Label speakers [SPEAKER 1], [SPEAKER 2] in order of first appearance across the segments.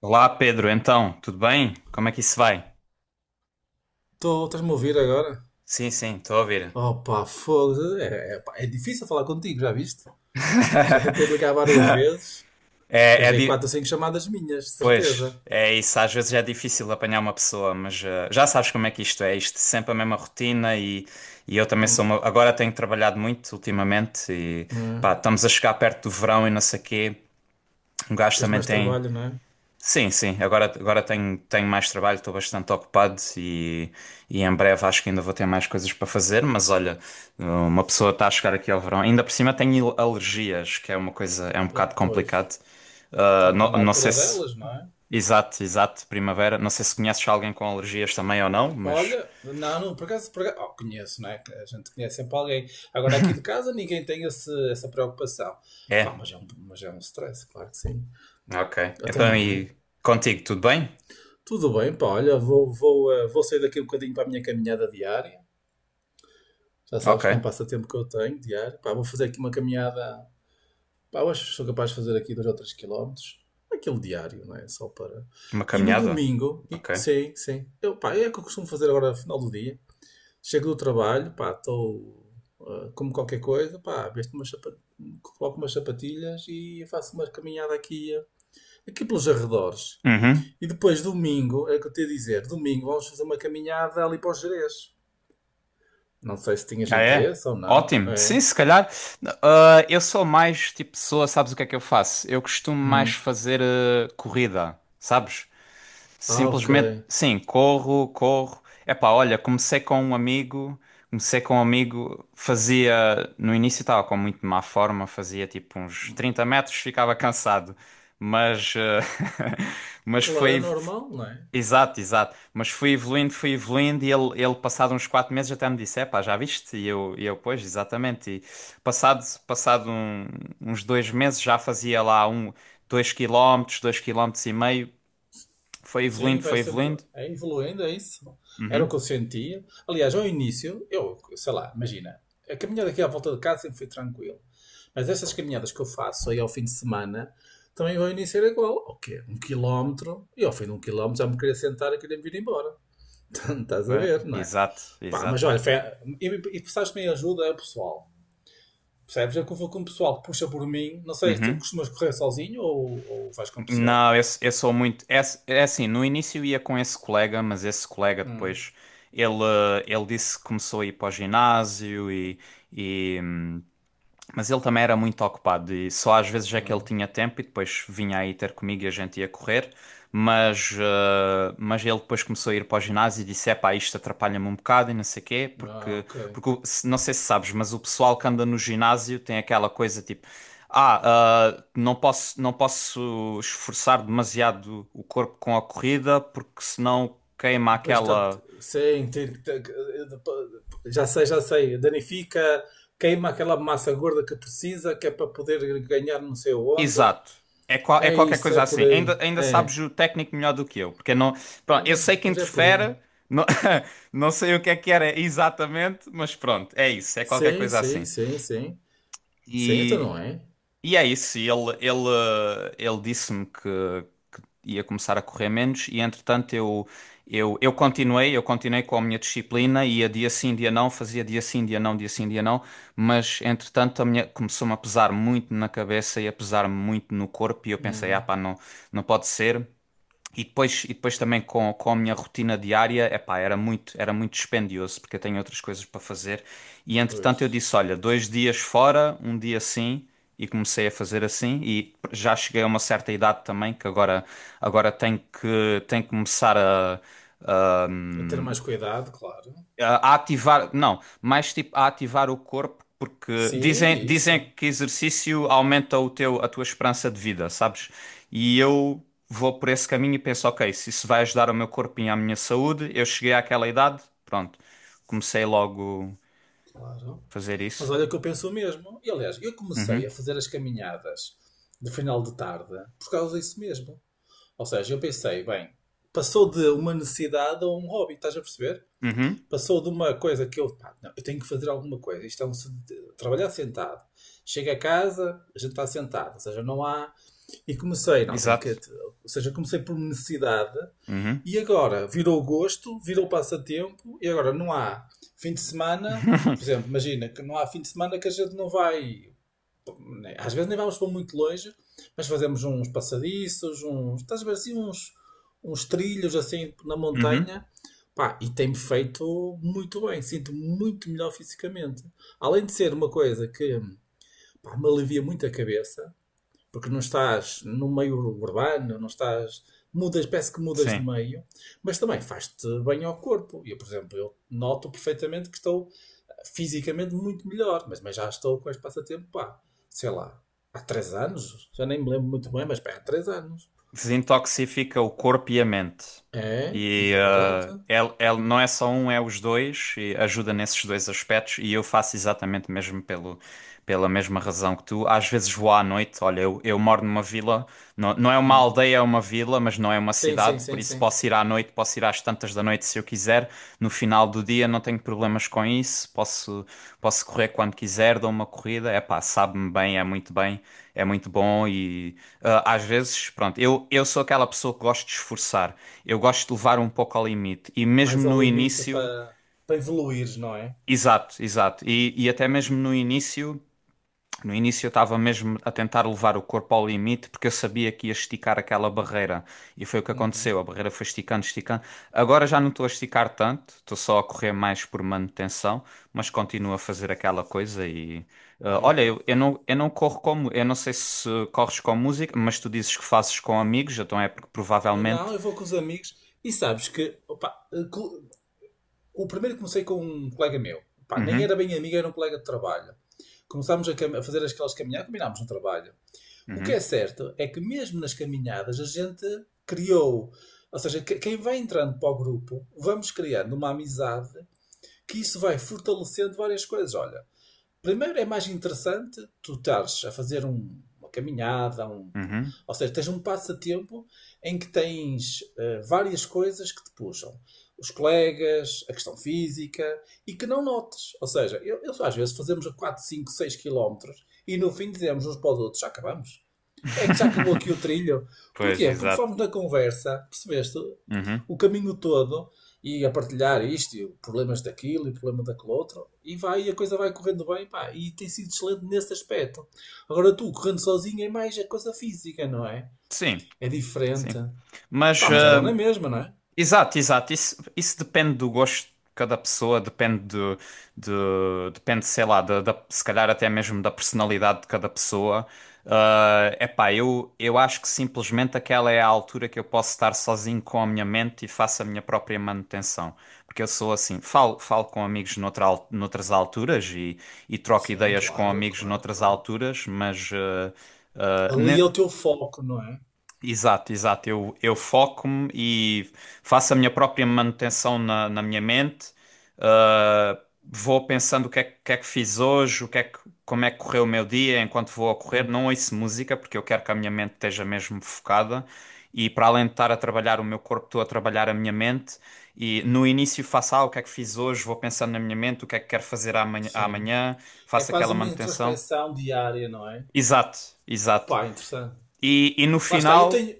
[SPEAKER 1] Olá, Pedro. Então, tudo bem? Como é que isso vai?
[SPEAKER 2] Estou Estás-me a ouvir agora?
[SPEAKER 1] Sim, sim, estou a ouvir.
[SPEAKER 2] Opa, pá, fogo. É, pá, é difícil falar contigo, já viste? Já tentei ligar várias vezes.
[SPEAKER 1] É,
[SPEAKER 2] Tens
[SPEAKER 1] é
[SPEAKER 2] aí quatro
[SPEAKER 1] di-
[SPEAKER 2] ou cinco chamadas minhas, de
[SPEAKER 1] Pois,
[SPEAKER 2] certeza.
[SPEAKER 1] é isso. Às vezes é difícil apanhar uma pessoa, mas já sabes como é que isto é. Isto é sempre a mesma rotina e eu também sou uma. Agora tenho trabalhado muito ultimamente e
[SPEAKER 2] Não é?
[SPEAKER 1] pá, estamos a chegar perto do verão e não sei quê. Um gajo
[SPEAKER 2] Tens
[SPEAKER 1] também
[SPEAKER 2] mais
[SPEAKER 1] tem.
[SPEAKER 2] trabalho, não é?
[SPEAKER 1] Sim, sim. Agora tenho mais trabalho, estou bastante ocupado e em breve acho que ainda vou ter mais coisas para fazer. Mas olha, uma pessoa está a chegar aqui ao verão. Ainda por cima tenho alergias, que é uma coisa, é um
[SPEAKER 2] Ah,
[SPEAKER 1] bocado
[SPEAKER 2] pois.
[SPEAKER 1] complicado. Ah,
[SPEAKER 2] Está tá
[SPEAKER 1] não,
[SPEAKER 2] na
[SPEAKER 1] não sei
[SPEAKER 2] altura
[SPEAKER 1] se.
[SPEAKER 2] delas, não é?
[SPEAKER 1] Exato, exato, primavera. Não sei se conheces alguém com alergias também ou não, mas.
[SPEAKER 2] Olha, não, não, por acaso, oh, conheço, não é? Que a gente conhece sempre alguém. Agora aqui de casa ninguém tem essa preocupação. Pá,
[SPEAKER 1] É,
[SPEAKER 2] mas é um stress, claro que sim.
[SPEAKER 1] ok.
[SPEAKER 2] Até
[SPEAKER 1] Então
[SPEAKER 2] não é?
[SPEAKER 1] e contigo, tudo bem?
[SPEAKER 2] Tudo bem, pá, olha, vou sair daqui um bocadinho para a minha caminhada diária. Já sabes que é um
[SPEAKER 1] Ok.
[SPEAKER 2] passatempo que eu tenho diário. Pá, vou fazer aqui uma caminhada. Pá, eu acho que sou capaz de fazer aqui 2 ou 3 quilómetros. Aquele diário, não é? Só para.
[SPEAKER 1] Uma
[SPEAKER 2] E no
[SPEAKER 1] caminhada?
[SPEAKER 2] domingo,
[SPEAKER 1] Ok.
[SPEAKER 2] sim, sim. Eu, pá, é o que eu costumo fazer agora no final do dia. Chego do trabalho, pá, estou. Como qualquer coisa, pá, coloco umas sapatilhas e faço uma caminhada aqui pelos arredores.
[SPEAKER 1] Uhum.
[SPEAKER 2] E depois, domingo, é o que eu te ia dizer, domingo vamos fazer uma caminhada ali para os Gerês. Não sei se tinhas
[SPEAKER 1] Ah, é?
[SPEAKER 2] interesse ou não.
[SPEAKER 1] Ótimo. Sim,
[SPEAKER 2] É.
[SPEAKER 1] se calhar. Ah, eu sou mais tipo pessoa, sabes o que é que eu faço? Eu costumo mais
[SPEAKER 2] Hum.
[SPEAKER 1] fazer corrida, sabes?
[SPEAKER 2] Ah, ok.
[SPEAKER 1] Simplesmente, sim, corro, corro. Epá, olha, comecei com um amigo, comecei com um amigo, fazia, no início estava com muito má forma, fazia tipo uns 30 m, ficava cansado, mas, mas
[SPEAKER 2] Claro, é
[SPEAKER 1] foi,
[SPEAKER 2] normal, não é?
[SPEAKER 1] exato, exato. Mas fui evoluindo e ele passado uns 4 meses até me disse, epá, já viste? E eu, pois, exatamente. E passado, passado um- uns 2 meses já fazia lá um, 2 km, 2,5 km. Foi
[SPEAKER 2] Sim,
[SPEAKER 1] evoluindo,
[SPEAKER 2] vai
[SPEAKER 1] foi
[SPEAKER 2] sempre
[SPEAKER 1] evoluindo.
[SPEAKER 2] é evoluindo, é isso. Era o que
[SPEAKER 1] Uhum.
[SPEAKER 2] eu sentia. Aliás, ao início, eu, sei lá, imagina, a caminhada aqui à volta de casa sempre foi tranquilo. Mas estas caminhadas que eu faço aí ao fim de semana, também ao início era igual. O quê? Um quilómetro. E ao fim de um quilómetro já me queria sentar e queria me vir embora. Estás a ver, não é?
[SPEAKER 1] Exato,
[SPEAKER 2] Pá, mas
[SPEAKER 1] exato.
[SPEAKER 2] olha, foi, e precisaste me ajuda, é o pessoal. Percebes? É que eu vou com o pessoal que puxa por mim. Não sei, tu
[SPEAKER 1] Uhum.
[SPEAKER 2] costumas correr sozinho ou vais com o pessoal?
[SPEAKER 1] Não, eu sou muito. É assim, no início eu ia com esse colega, mas esse colega
[SPEAKER 2] Hum.
[SPEAKER 1] depois ele disse que começou a ir para o ginásio e, mas ele também era muito ocupado e só às vezes é que ele
[SPEAKER 2] Ah,
[SPEAKER 1] tinha tempo e depois vinha aí ter comigo e a gente ia correr. Mas, mas ele depois começou a ir para o ginásio e disse: epá, isto atrapalha-me um bocado e não sei quê,
[SPEAKER 2] ah,
[SPEAKER 1] porque,
[SPEAKER 2] ok.
[SPEAKER 1] porque não sei se sabes, mas o pessoal que anda no ginásio tem aquela coisa tipo: Ah, não posso esforçar demasiado o corpo com a corrida porque senão queima
[SPEAKER 2] Depois está.
[SPEAKER 1] aquela.
[SPEAKER 2] Sim, já sei, já sei. Danifica, queima aquela massa gorda que precisa, que é para poder ganhar não sei onde.
[SPEAKER 1] Exato. É, é
[SPEAKER 2] É
[SPEAKER 1] qualquer
[SPEAKER 2] isso, é
[SPEAKER 1] coisa
[SPEAKER 2] por
[SPEAKER 1] assim.
[SPEAKER 2] aí.
[SPEAKER 1] Ainda sabes
[SPEAKER 2] É,
[SPEAKER 1] o técnico melhor do que eu, porque não,
[SPEAKER 2] é,
[SPEAKER 1] pronto, eu
[SPEAKER 2] mas,
[SPEAKER 1] sei que
[SPEAKER 2] mas é por aí.
[SPEAKER 1] interfere, não, não sei o que é que era exatamente, mas pronto, é isso, é qualquer
[SPEAKER 2] Sim,
[SPEAKER 1] coisa
[SPEAKER 2] sim,
[SPEAKER 1] assim.
[SPEAKER 2] sim, sim. Sim, então
[SPEAKER 1] E,
[SPEAKER 2] não é?
[SPEAKER 1] e é isso, e ele disse-me que ia começar a correr menos e entretanto eu continuei com a minha disciplina, ia dia sim, dia não, fazia dia sim, dia não, dia sim, dia não, mas entretanto a minha começou-me a pesar muito na cabeça e a pesar-me muito no corpo e eu pensei, ah
[SPEAKER 2] Hum,
[SPEAKER 1] pá, não, não pode ser. E depois também com a minha rotina diária, epá, era muito dispendioso, porque eu tenho outras coisas para fazer. E entretanto eu
[SPEAKER 2] pois.
[SPEAKER 1] disse, olha, 2 dias fora, um dia sim, e comecei a fazer assim. E já cheguei a uma certa idade também, que agora, agora tenho que começar a,
[SPEAKER 2] A ter mais cuidado, claro.
[SPEAKER 1] a ativar, não, mais tipo a ativar o corpo, porque
[SPEAKER 2] Sim,
[SPEAKER 1] dizem,
[SPEAKER 2] é isso,
[SPEAKER 1] dizem que exercício aumenta o teu, a tua esperança de vida, sabes? E eu vou por esse caminho e penso, ok, se isso vai ajudar o meu corpinho e a minha saúde, eu cheguei àquela idade, pronto, comecei logo
[SPEAKER 2] claro.
[SPEAKER 1] a fazer
[SPEAKER 2] Mas
[SPEAKER 1] isso.
[SPEAKER 2] olha que eu penso o mesmo. E aliás, eu comecei
[SPEAKER 1] Uhum,
[SPEAKER 2] a fazer as caminhadas de final de tarde por causa disso mesmo. Ou seja, eu pensei, bem, passou de uma necessidade a um hobby, estás a perceber?
[SPEAKER 1] uhum,
[SPEAKER 2] Passou de uma coisa que eu, pá, não, eu tenho que fazer alguma coisa. Isto é um trabalhar sentado. Chego a casa, a gente está sentado, ou seja, não há. E comecei, não, tenho que.
[SPEAKER 1] exato.
[SPEAKER 2] Ou seja, comecei por necessidade
[SPEAKER 1] Uhum,
[SPEAKER 2] e agora virou gosto, virou passatempo e agora não há fim de semana. Por exemplo, imagina que não há fim de semana que a gente não vai, né, às vezes nem vamos para muito longe, mas fazemos uns passadiços, uns, estás a ver assim, uns, uns trilhos assim na
[SPEAKER 1] uhum,
[SPEAKER 2] montanha. Pá, e tem-me feito muito bem, sinto-me muito melhor fisicamente. Além de ser uma coisa que, pá, me alivia muito a cabeça, porque não estás no meio urbano, não estás. Mudas, parece que mudas de
[SPEAKER 1] sim.
[SPEAKER 2] meio, mas também faz-te bem ao corpo. Eu, por exemplo, eu noto perfeitamente que estou fisicamente muito melhor, mas já estou com este passatempo, pá, sei lá, há 3 anos, já nem me lembro muito bem, mas pá, há 3 anos.
[SPEAKER 1] Desintoxifica o corpo e a mente.
[SPEAKER 2] É,
[SPEAKER 1] E
[SPEAKER 2] e é verdade.
[SPEAKER 1] ele não é só um, é os dois, e ajuda nesses dois aspectos. E eu faço exatamente mesmo pelo, pela mesma razão que tu. Às vezes vou à noite, olha, eu moro numa vila, não, não é uma
[SPEAKER 2] Hum.
[SPEAKER 1] aldeia, é uma vila, mas não é uma
[SPEAKER 2] Sim, sim,
[SPEAKER 1] cidade, por
[SPEAKER 2] sim,
[SPEAKER 1] isso
[SPEAKER 2] sim.
[SPEAKER 1] posso ir à noite, posso ir às tantas da noite se eu quiser. No final do dia não tenho problemas com isso, posso, posso correr quando quiser, dou uma corrida. É pá, sabe-me bem, é muito bom e. Ah, às vezes, pronto, eu sou aquela pessoa que gosto de esforçar, eu gosto de levar um pouco ao limite, e mesmo
[SPEAKER 2] Mais ao
[SPEAKER 1] no
[SPEAKER 2] limite
[SPEAKER 1] início,
[SPEAKER 2] para evoluir, não é?
[SPEAKER 1] exato, exato, e até mesmo no início. No início eu estava mesmo a tentar levar o corpo ao limite porque eu sabia que ia esticar aquela barreira e foi o que
[SPEAKER 2] Uhum.
[SPEAKER 1] aconteceu. A barreira foi esticando, esticando. Agora já não estou a esticar tanto, estou só a correr mais por manutenção, mas continuo a fazer aquela coisa e
[SPEAKER 2] Ah, eu
[SPEAKER 1] olha, eu,
[SPEAKER 2] não. Pô.
[SPEAKER 1] eu não, eu não corro como, eu não sei se corres com música, mas tu dizes que fazes com amigos, então é porque
[SPEAKER 2] Não,
[SPEAKER 1] provavelmente.
[SPEAKER 2] eu vou com os amigos e sabes que opa, o primeiro comecei com um colega meu, pá, nem era
[SPEAKER 1] Uhum,
[SPEAKER 2] bem amigo, era um colega de trabalho. Começámos a fazer aquelas caminhadas, combinámos no trabalho. O que
[SPEAKER 1] uhum,
[SPEAKER 2] é certo é que mesmo nas caminhadas a gente criou, ou seja, quem vai entrando para o grupo, vamos criando uma amizade que isso vai fortalecendo várias coisas. Olha, primeiro é mais interessante tu estares a fazer uma caminhada,
[SPEAKER 1] uhum.
[SPEAKER 2] ou seja, tens um passatempo em que tens eh, várias coisas que te puxam. Os colegas, a questão física, e que não notes. Ou seja, eu às vezes fazemos a 4, 5, 6 quilómetros e no fim dizemos uns para os outros, já acabamos. É que já acabou aqui o trilho.
[SPEAKER 1] Pois,
[SPEAKER 2] Porquê? Porque
[SPEAKER 1] exato.
[SPEAKER 2] fomos na conversa, percebeste?
[SPEAKER 1] Uhum.
[SPEAKER 2] O caminho todo e a partilhar isto, e problemas daquilo e problema daquele outro, e vai, e a coisa vai correndo bem, pá, e tem sido excelente nesse aspecto. Agora tu, correndo sozinho, é mais a coisa física, não é?
[SPEAKER 1] Sim,
[SPEAKER 2] É
[SPEAKER 1] sim.
[SPEAKER 2] diferente.
[SPEAKER 1] Mas
[SPEAKER 2] Pá, mas é bom
[SPEAKER 1] ah,
[SPEAKER 2] na mesma, não é?
[SPEAKER 1] exato, exato. Isso depende do gosto de cada pessoa, depende de, depende, sei lá, se calhar até mesmo da personalidade de cada pessoa. Ah, epá, eu acho que simplesmente aquela é a altura que eu posso estar sozinho com a minha mente e faço a minha própria manutenção. Porque eu sou assim, falo com amigos noutras alturas e troco
[SPEAKER 2] Sim,
[SPEAKER 1] ideias com
[SPEAKER 2] claro,
[SPEAKER 1] amigos
[SPEAKER 2] claro,
[SPEAKER 1] noutras
[SPEAKER 2] claro.
[SPEAKER 1] alturas, mas
[SPEAKER 2] Ali é o teu foco, não é?
[SPEAKER 1] exato, exato. Eu foco-me e faço a minha própria manutenção na minha mente. Vou pensando o que é, que é que fiz hoje, o que é que, como é que correu o meu dia enquanto vou a correr.
[SPEAKER 2] Hum,
[SPEAKER 1] Não ouço música porque eu quero que a minha mente esteja mesmo focada. E para além de estar a trabalhar o meu corpo, estou a trabalhar a minha mente. E no início faço, ah, o que é que fiz hoje, vou pensando na minha mente, o que é que quero fazer amanhã,
[SPEAKER 2] sim.
[SPEAKER 1] amanhã,
[SPEAKER 2] É
[SPEAKER 1] faço aquela
[SPEAKER 2] quase uma
[SPEAKER 1] manutenção.
[SPEAKER 2] introspecção diária, não é?
[SPEAKER 1] Exato, exato.
[SPEAKER 2] Pá, interessante.
[SPEAKER 1] E no
[SPEAKER 2] Lá está, eu
[SPEAKER 1] final,
[SPEAKER 2] tenho.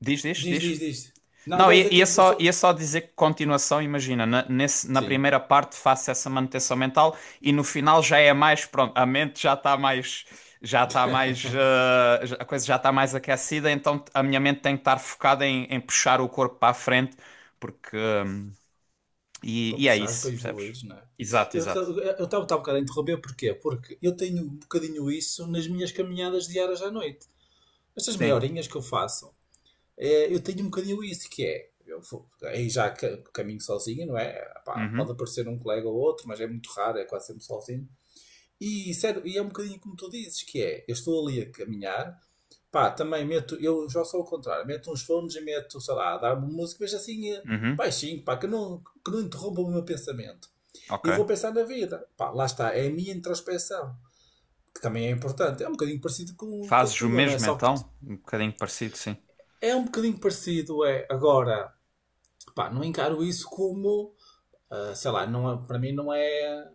[SPEAKER 1] diz, diz,
[SPEAKER 2] Diz,
[SPEAKER 1] diz.
[SPEAKER 2] diz, diz. Não,
[SPEAKER 1] Não,
[SPEAKER 2] não, é que eu só-.
[SPEAKER 1] ia só dizer que continuação, imagina, na
[SPEAKER 2] Sim,
[SPEAKER 1] primeira parte faço essa manutenção mental e no final já é mais, pronto, a mente já está mais, a coisa já está mais aquecida, então a minha mente tem que estar focada em puxar o corpo para a frente, porque,
[SPEAKER 2] para
[SPEAKER 1] e é
[SPEAKER 2] puxares, para
[SPEAKER 1] isso, percebes?
[SPEAKER 2] evoluires, não é?
[SPEAKER 1] Exato,
[SPEAKER 2] Eu
[SPEAKER 1] exato.
[SPEAKER 2] estava um bocado a interromper, porquê? Porque eu tenho um bocadinho isso nas minhas caminhadas diárias à noite. Estas meia
[SPEAKER 1] Sim.
[SPEAKER 2] horinhas que eu faço, é, eu tenho um bocadinho isso, que é, aí já caminho sozinho, não é? Pá, pode
[SPEAKER 1] Uhum,
[SPEAKER 2] aparecer um colega ou outro, mas é muito raro, é quase sempre sozinho. E, sério, e é um bocadinho como tu dizes, que é, eu estou ali a caminhar, pá, também meto, eu já sou ao contrário, meto uns fones e meto, sei lá, dar uma música, mas assim eh,
[SPEAKER 1] uhum,
[SPEAKER 2] baixinho, pá, que não interrompa o meu pensamento. E vou
[SPEAKER 1] ok.
[SPEAKER 2] pensar na vida. Pá, lá está, é a minha introspecção que também é importante. É um bocadinho parecido com a
[SPEAKER 1] Fazes o
[SPEAKER 2] tua, não é?
[SPEAKER 1] mesmo
[SPEAKER 2] Só que
[SPEAKER 1] então? Um bocadinho parecido, sim.
[SPEAKER 2] é um bocadinho parecido, é. Agora, pá, não encaro isso como sei lá, não é, para mim não é.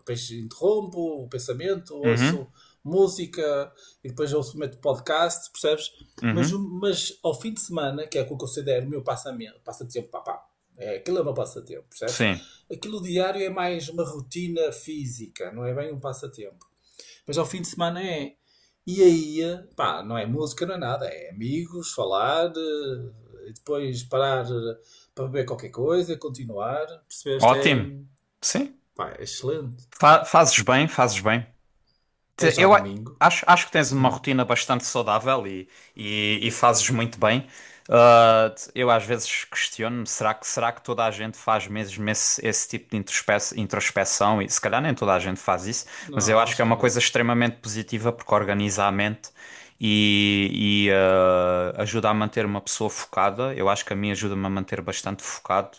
[SPEAKER 2] Depois interrompo o pensamento,
[SPEAKER 1] Uhum,
[SPEAKER 2] ouço música e depois ouço meto podcast, percebes? Mas,
[SPEAKER 1] uhum,
[SPEAKER 2] mas ao fim de semana, que é o que eu considero o meu passatempo, papá, é, aquilo é o meu passatempo, percebes?
[SPEAKER 1] sim.
[SPEAKER 2] Aquilo diário é mais uma rotina física, não é bem um passatempo. Depois ao fim de semana é. E aí, pá, não é música, não é nada, é amigos, falar, eh, e depois parar eh, para beber qualquer coisa, continuar. Percebeste? É,
[SPEAKER 1] Ótimo. Sim.
[SPEAKER 2] pá, é excelente.
[SPEAKER 1] Fazes bem, fazes bem.
[SPEAKER 2] É
[SPEAKER 1] Te-
[SPEAKER 2] já
[SPEAKER 1] Eu a-
[SPEAKER 2] domingo?
[SPEAKER 1] acho que tens uma rotina bastante saudável e fazes muito bem. Ah, eu às vezes questiono-me, será que toda a gente faz mesmo esse tipo de introspeção? E se calhar nem toda a gente faz isso, mas eu
[SPEAKER 2] Não,
[SPEAKER 1] acho que
[SPEAKER 2] acho
[SPEAKER 1] é
[SPEAKER 2] que
[SPEAKER 1] uma coisa
[SPEAKER 2] não.
[SPEAKER 1] extremamente positiva porque organiza a mente e ajuda a manter uma pessoa focada. Eu acho que a mim ajuda-me a manter bastante focado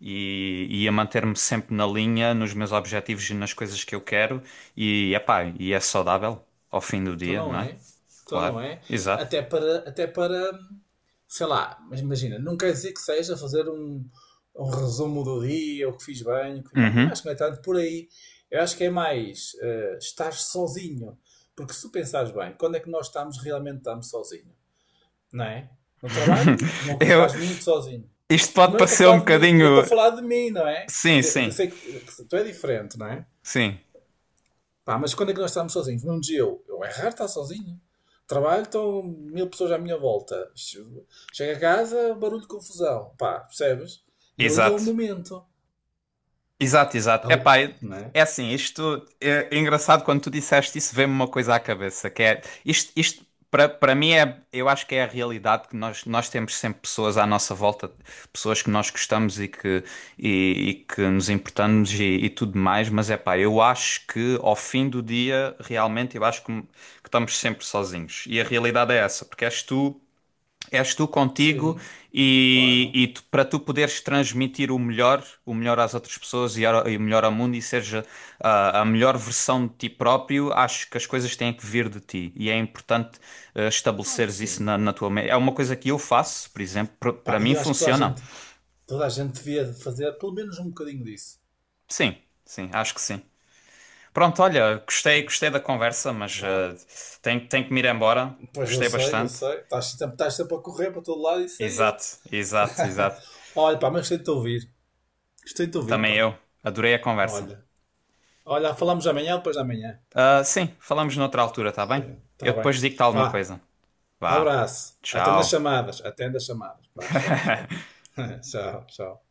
[SPEAKER 1] e a manter-me sempre na linha, nos meus objetivos e nas coisas que eu quero. E, epá, e é saudável ao fim do
[SPEAKER 2] Então
[SPEAKER 1] dia,
[SPEAKER 2] não
[SPEAKER 1] não é?
[SPEAKER 2] é? Então
[SPEAKER 1] Claro,
[SPEAKER 2] não é?
[SPEAKER 1] exato.
[SPEAKER 2] Até para, sei lá, mas imagina, não quer dizer que seja fazer um, um resumo do dia, o que fiz bem, o que fiz mal. Não
[SPEAKER 1] Uhum.
[SPEAKER 2] acho que não é tanto por aí. Eu acho que é mais eh, estar sozinho. Porque se tu pensares bem, quando é que nós estamos realmente estamos sozinho? Não é? No trabalho, nunca
[SPEAKER 1] Eu,
[SPEAKER 2] estás muito sozinho.
[SPEAKER 1] isto
[SPEAKER 2] Mas
[SPEAKER 1] pode
[SPEAKER 2] eu estou a
[SPEAKER 1] parecer
[SPEAKER 2] falar
[SPEAKER 1] um
[SPEAKER 2] de mim, eu
[SPEAKER 1] bocadinho.
[SPEAKER 2] estou a falar de mim, não é?
[SPEAKER 1] Sim,
[SPEAKER 2] Eu
[SPEAKER 1] sim,
[SPEAKER 2] sei que tu é diferente, não é?
[SPEAKER 1] sim,
[SPEAKER 2] Pá, mas quando é que nós estamos sozinhos? Num dia eu é raro estar sozinho. Trabalho, estão 1000 pessoas à minha volta. Chego a casa, barulho, confusão. Pá, percebes? E ali é o
[SPEAKER 1] exato.
[SPEAKER 2] momento.
[SPEAKER 1] Exato, exato.
[SPEAKER 2] Ali-
[SPEAKER 1] Epá,
[SPEAKER 2] não é?
[SPEAKER 1] é assim, isto é, engraçado quando tu disseste isso, veio-me uma coisa à cabeça, que é isto, isto para mim é, eu acho que é a realidade que nós temos sempre pessoas à nossa volta, pessoas que nós gostamos e que nos importamos e tudo mais, mas é pá, eu acho que ao fim do dia, realmente eu acho que estamos sempre sozinhos. E a realidade é essa, porque és tu. És tu contigo
[SPEAKER 2] Sim,
[SPEAKER 1] e,
[SPEAKER 2] claro.
[SPEAKER 1] e tu- para tu poderes transmitir o melhor às outras pessoas e o melhor ao mundo e seja ah, a melhor versão de ti próprio, acho que as coisas têm que vir de ti e é importante ah,
[SPEAKER 2] Claro que
[SPEAKER 1] estabeleceres isso
[SPEAKER 2] sim.
[SPEAKER 1] na tua mente. É uma coisa que eu faço, por exemplo, para
[SPEAKER 2] Pá, e
[SPEAKER 1] mim
[SPEAKER 2] eu acho que
[SPEAKER 1] funciona.
[SPEAKER 2] toda a gente devia fazer pelo menos um bocadinho disso.
[SPEAKER 1] Sim, sim, acho que sim. Pronto, olha, gostei, gostei da conversa, mas
[SPEAKER 2] Pá,
[SPEAKER 1] ah, tenho que me ir embora.
[SPEAKER 2] pois eu
[SPEAKER 1] Gostei
[SPEAKER 2] sei, eu
[SPEAKER 1] bastante.
[SPEAKER 2] sei. Estás sempre a correr para todo lado e sei eu.
[SPEAKER 1] Exato, exato, exato.
[SPEAKER 2] Olha, pá, mas gostei de te ouvir. Gostei de te ouvir,
[SPEAKER 1] Também
[SPEAKER 2] pá.
[SPEAKER 1] eu. Adorei a conversa.
[SPEAKER 2] Olha. Olha, falamos amanhã ou depois de amanhã.
[SPEAKER 1] Ah, sim, falamos noutra altura, tá bem?
[SPEAKER 2] Sim,
[SPEAKER 1] Eu
[SPEAKER 2] está bem.
[SPEAKER 1] depois digo-te alguma
[SPEAKER 2] Vá,
[SPEAKER 1] coisa. Vá.
[SPEAKER 2] abraço. Atenda as
[SPEAKER 1] Tchau.
[SPEAKER 2] chamadas, atenda as chamadas. Vá, tchau, tchau. Tchau, tchau.